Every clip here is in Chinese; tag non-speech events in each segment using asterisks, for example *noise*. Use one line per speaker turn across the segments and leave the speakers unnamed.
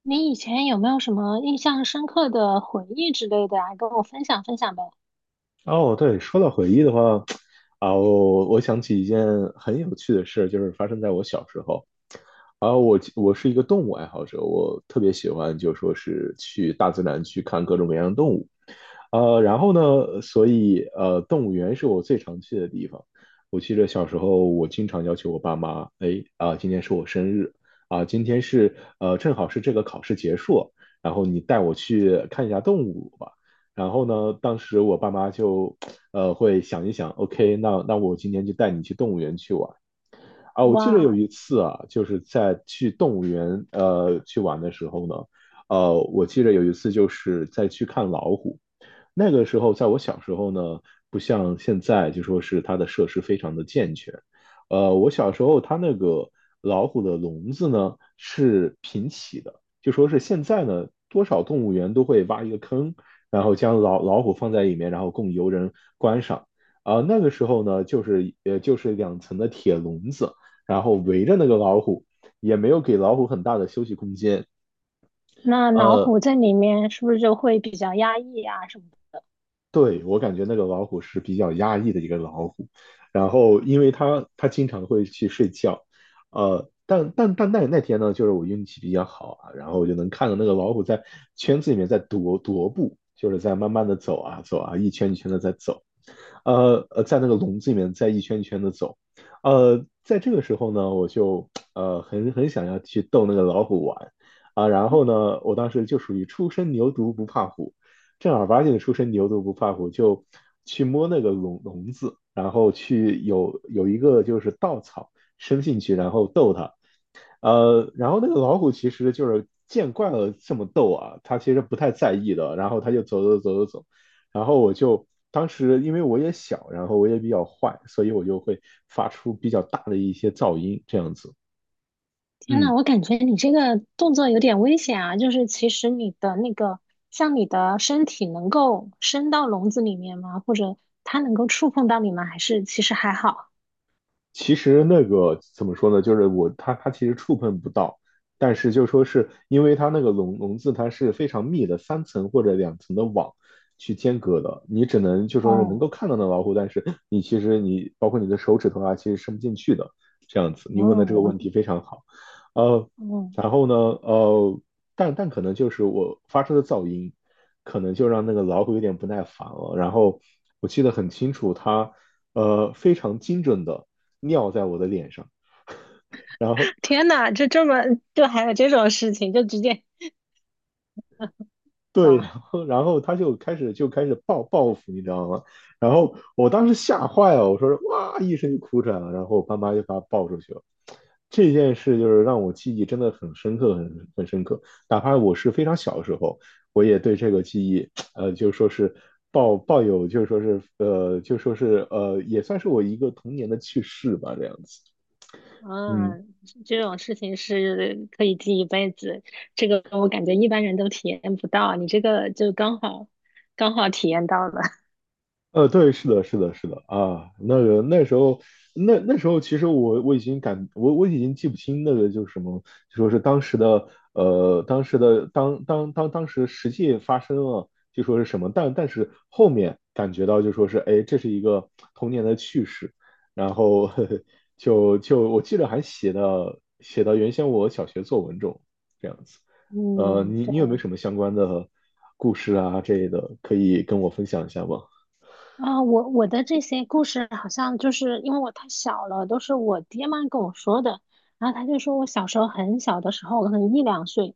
你以前有没有什么印象深刻的回忆之类的啊？跟我分享分享呗。
哦，对，说到回忆的话，我想起一件很有趣的事，就是发生在我小时候。我是一个动物爱好者，我特别喜欢就说是去大自然去看各种各样的动物。然后呢，所以动物园是我最常去的地方。我记得小时候，我经常要求我爸妈，哎，啊、今天是我生日，啊、今天是正好是这个考试结束，然后你带我去看一下动物吧。然后呢，当时我爸妈就会想一想，OK,那我今天就带你去动物园去玩。啊，我记得有
哇，
一次啊，就是在去动物园去玩的时候呢，我记得有一次就是在去看老虎。那个时候，在我小时候呢，不像现在，就说是它的设施非常的健全。我小时候它那个老虎的笼子呢是平起的，就说是现在呢，多少动物园都会挖一个坑，然后将老虎放在里面，然后供游人观赏。啊、那个时候呢，就是就是两层的铁笼子，然后围着那个老虎，也没有给老虎很大的休息空间。
那老
呃，
虎在里面是不是就会比较压抑啊什么的？
对，我感觉那个老虎是比较压抑的一个老虎，然后因为它经常会去睡觉，呃，但那天呢，就是我运气比较好啊，然后我就能看到那个老虎在圈子里面在踱步，就是在慢慢的走啊走啊，一圈一圈的在走，在那个笼子里面在一圈一圈的走，在这个时候呢，我就很想要去逗那个老虎玩啊，然后呢，我当时就属于初生牛犊不怕虎。正儿八经的出身牛犊不怕虎，就去摸那个笼子，然后去有一个就是稻草伸进去，然后逗它。然后那个老虎其实就是见惯了这么逗啊，它其实不太在意的。然后它就走，然后我就当时因为我也小，然后我也比较坏，所以我就会发出比较大的一些噪音这样子。
天
嗯，
呐，我感觉你这个动作有点危险啊！就是其实你的那个，像你的身体能够伸到笼子里面吗？或者它能够触碰到你吗？还是其实还好？
其实那个怎么说呢？就是我它其实触碰不到，但是就说是因为它那个笼子它是非常密的，三层或者两层的网去间隔的，你只能就说是能够
哦，
看到那老虎，但是你其实你包括你的手指头啊，其实伸不进去的这样子。你问的这个
嗯
问题非常好，呃，
嗯，
然后呢，呃，但可能就是我发出的噪音，可能就让那个老虎有点不耐烦了。然后我记得很清楚，它非常精准的。尿在我的脸上，然后
天
*laughs*
呐，就这么就还有这种事情，就直接
对，然
哇！
后他就开始报复，你知道吗？然后我当时吓坏了，我说哇一声就哭出来了，然后我爸妈就把他抱出去了。这件事就是让我记忆真的很深刻，很深刻。哪怕我是非常小的时候，我也对这个记忆，呃，就说是抱有，就说是呃，就说是也算是我一个童年的趣事吧，这样子。嗯，
嗯，这种事情是可以记一辈子，这个我感觉一般人都体验不到，你这个就刚好刚好体验到了。*laughs*
呃，对，是的，是的，是的啊，那个那时候，那时候其实我已经感我已经记不清那个就是什么，就说是当时的当时的当时实际发生了就说是什么，但是后面感觉到就说是哎，这是一个童年的趣事，然后 *laughs* 就我记得还写到原先我小学作文中这样子，呃，
嗯，
你
对。
你有没有什么相关的故事啊这类的可以跟我分享一下吗？
我的这些故事好像就是因为我太小了，都是我爹妈跟我说的。然后他就说我小时候很小的时候，可能一两岁，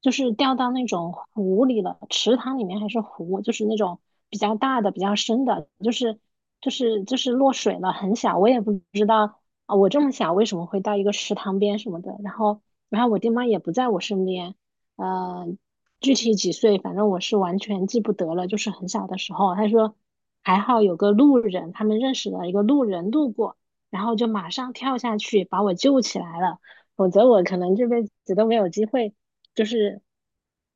就是掉到那种湖里了，池塘里面还是湖，就是那种比较大的、比较深的，就是落水了，很小，我也不知道啊，我这么小为什么会到一个池塘边什么的。然后我爹妈也不在我身边，呃具体几岁，反正我是完全记不得了，就是很小的时候。他说还好有个路人，他们认识了一个路人路过，然后就马上跳下去把我救起来了，否则我可能这辈子都没有机会，就是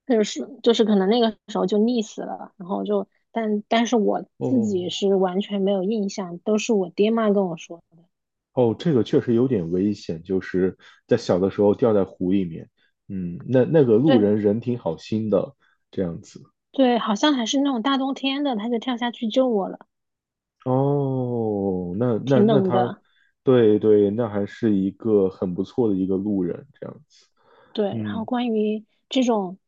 就是可能那个时候就溺死了。然后就但是我自己
哦
是完全没有印象，都是我爹妈跟我说的。
哦，这个确实有点危险，就是在小的时候掉在湖里面，嗯，那个路
对
人人挺好心的，这样子。
对，好像还是那种大冬天的，他就跳下去救我了，
哦，
挺
那
冷
他，
的。
对对，那还是一个很不错的一个路人，这样子。
对，然后
嗯，
关于这种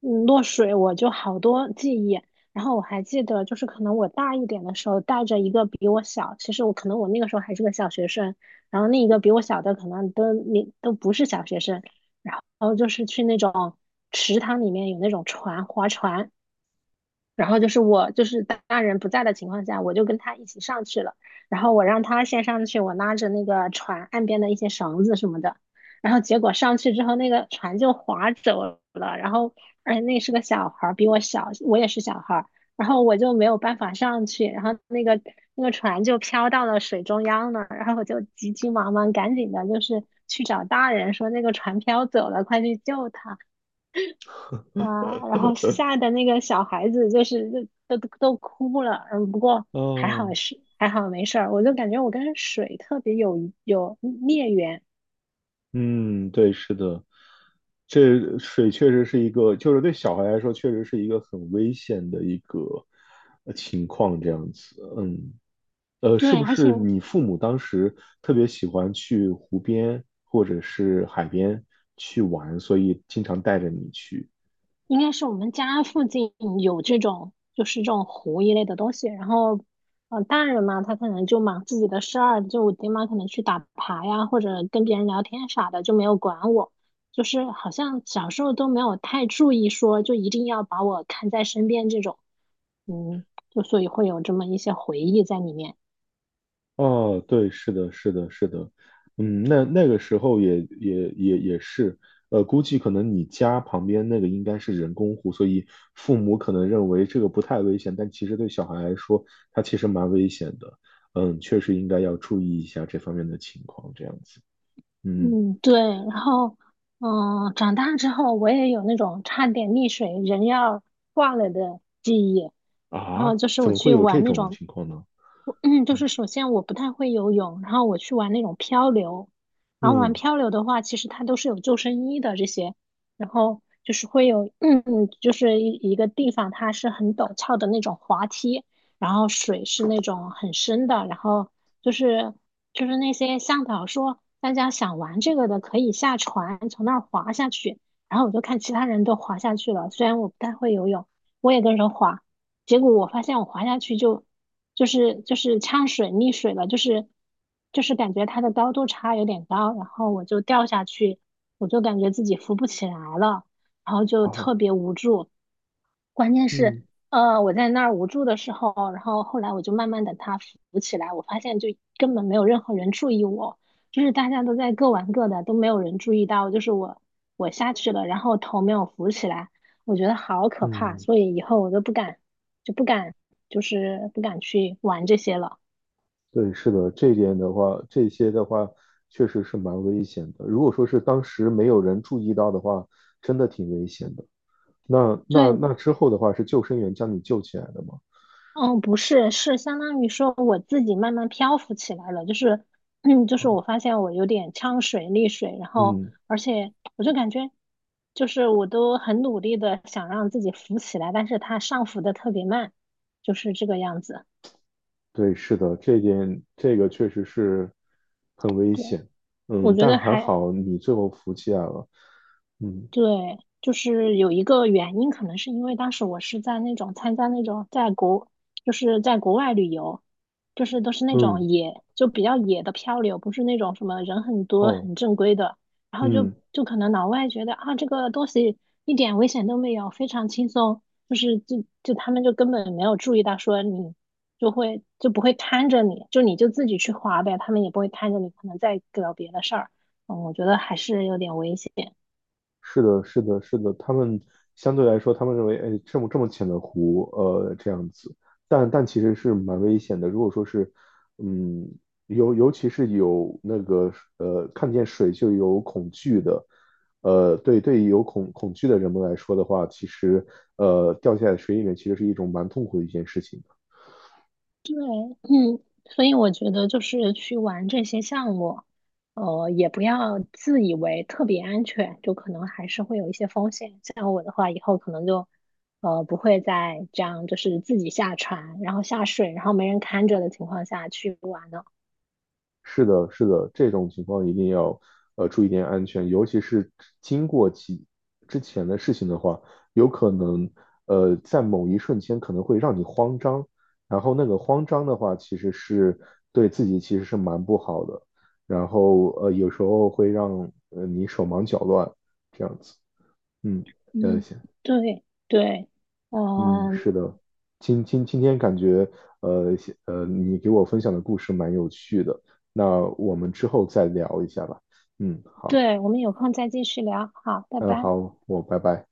嗯落水，我就好多记忆。然后我还记得，就是可能我大一点的时候，带着一个比我小，其实我可能那个时候还是个小学生，然后另一个比我小的可能都你都不是小学生，然后就是去那种池塘里面有那种船划船，然后就是我就是大人不在的情况下，我就跟他一起上去了。然后我让他先上去，我拉着那个船岸边的一些绳子什么的。然后结果上去之后，那个船就划走了。然后而且那是个小孩儿，比我小，我也是小孩儿。然后我就没有办法上去，然后那个船就飘到了水中央了。然后我就急急忙忙赶紧的，就是去找大人说那个船飘走了，快去救他。啊，然后
*laughs*
吓得那个小孩子就是都哭了，嗯，不过还好
哦，
是还好没事儿，我就感觉我跟水特别有孽缘，
嗯，对，是的，这水确实是一个，就是对小孩来说，确实是一个很危险的一个情况，这样子。嗯。呃，是
对，
不
而且
是你父母当时特别喜欢去湖边或者是海边去玩，所以经常带着你去？
应该是我们家附近有这种就是这种湖一类的东西，然后呃大人嘛，他可能就忙自己的事儿，就我爹妈可能去打牌呀，或者跟别人聊天啥的，就没有管我。就是好像小时候都没有太注意说，就一定要把我看在身边这种。嗯，就所以会有这么一些回忆在里面。
哦，对，是的，是的，是的，嗯，那个时候也是，呃，估计可能你家旁边那个应该是人工湖，所以父母可能认为这个不太危险，但其实对小孩来说，它其实蛮危险的。嗯，确实应该要注意一下这方面的情况，这样子。嗯，
嗯，对。然后，嗯，长大之后我也有那种差点溺水人要挂了的记忆。然
啊，
后就是
怎
我
么会
去
有这
玩那
种
种
情况呢？
我嗯，就是首先我不太会游泳，然后我去玩那种漂流，然后玩
嗯。
漂流的话，其实它都是有救生衣的这些，然后就是会有，*clears throat* 嗯，就是一个地方它是很陡峭的那种滑梯，然后水是那种很深的，然后就是那些向导说大家想玩这个的可以下船从那儿滑下去，然后我就看其他人都滑下去了，虽然我不太会游泳，我也跟着滑。结果我发现我滑下去就就是呛水溺水了，就是感觉它的高度差有点高，然后我就掉下去，我就感觉自己浮不起来了，然后就特
哦，
别无助，关键是，
嗯
我在那儿无助的时候，然后后来我就慢慢的他扶起来，我发现就根本没有任何人注意我，就是大家都在各玩各的，都没有人注意到，就是我下去了，然后头没有扶起来，我觉得好可怕，
嗯，
所以以后我都不敢，就不敢，就是不敢去玩这些了。
对，是的，这一点的话，这些的话确实是蛮危险的。如果说是当时没有人注意到的话，真的挺危险的。
对，
那之后的话，是救生员将你救起来的吗？
哦，不是，是相当于说我自己慢慢漂浮起来了，就是，*clears throat* 嗯，就是我
哦，
发现我有点呛水、溺水，然后
嗯，
而且我就感觉，就是我都很努力的想让自己浮起来，但是它上浮的特别慢，就是这个样子。
对，是的，这一点这个确实是很危
对，
险。嗯，
我觉
但
得
还
还
好你最后服起来了。嗯
对，就是有一个原因，可能是因为当时我是在那种参加那种在国，就是在国外旅游，就是都是那种
嗯，
野，就比较野的漂流，不是那种什么人很多
哦，
很正规的，然后就
嗯。
就可能老外觉得啊这个东西一点危险都没有，非常轻松，就是他们就根本没有注意到说你就会就不会看着你，就你就自己去滑呗，他们也不会看着你，可能在搞别的事儿，嗯，我觉得还是有点危险。
是的，是的，是的，他们相对来说，他们认为，哎，这么浅的湖，呃，这样子，但其实是蛮危险的。如果说是，嗯，尤其是有那个，呃，看见水就有恐惧的，呃，对对，有恐惧的人们来说的话，其实，呃，掉下水里面其实是一种蛮痛苦的一件事情。
对，嗯，所以我觉得就是去玩这些项目，呃，也不要自以为特别安全，就可能还是会有一些风险。像我的话，以后可能就，呃，不会再这样，就是自己下船，然后下水，然后没人看着的情况下去玩了。
是的，是的，这种情况一定要注意点安全，尤其是经过几之前的事情的话，有可能在某一瞬间可能会让你慌张，然后那个慌张的话，其实是对自己其实是蛮不好的，然后有时候会让你手忙脚乱这样子，嗯，呃
嗯，
行。
对对，
嗯，
嗯、
是的，今天感觉，呃你给我分享的故事蛮有趣的，那我们之后再聊一下吧。嗯，好，
对，我们有空再继续聊，好，拜
嗯，
拜。
好，我拜拜。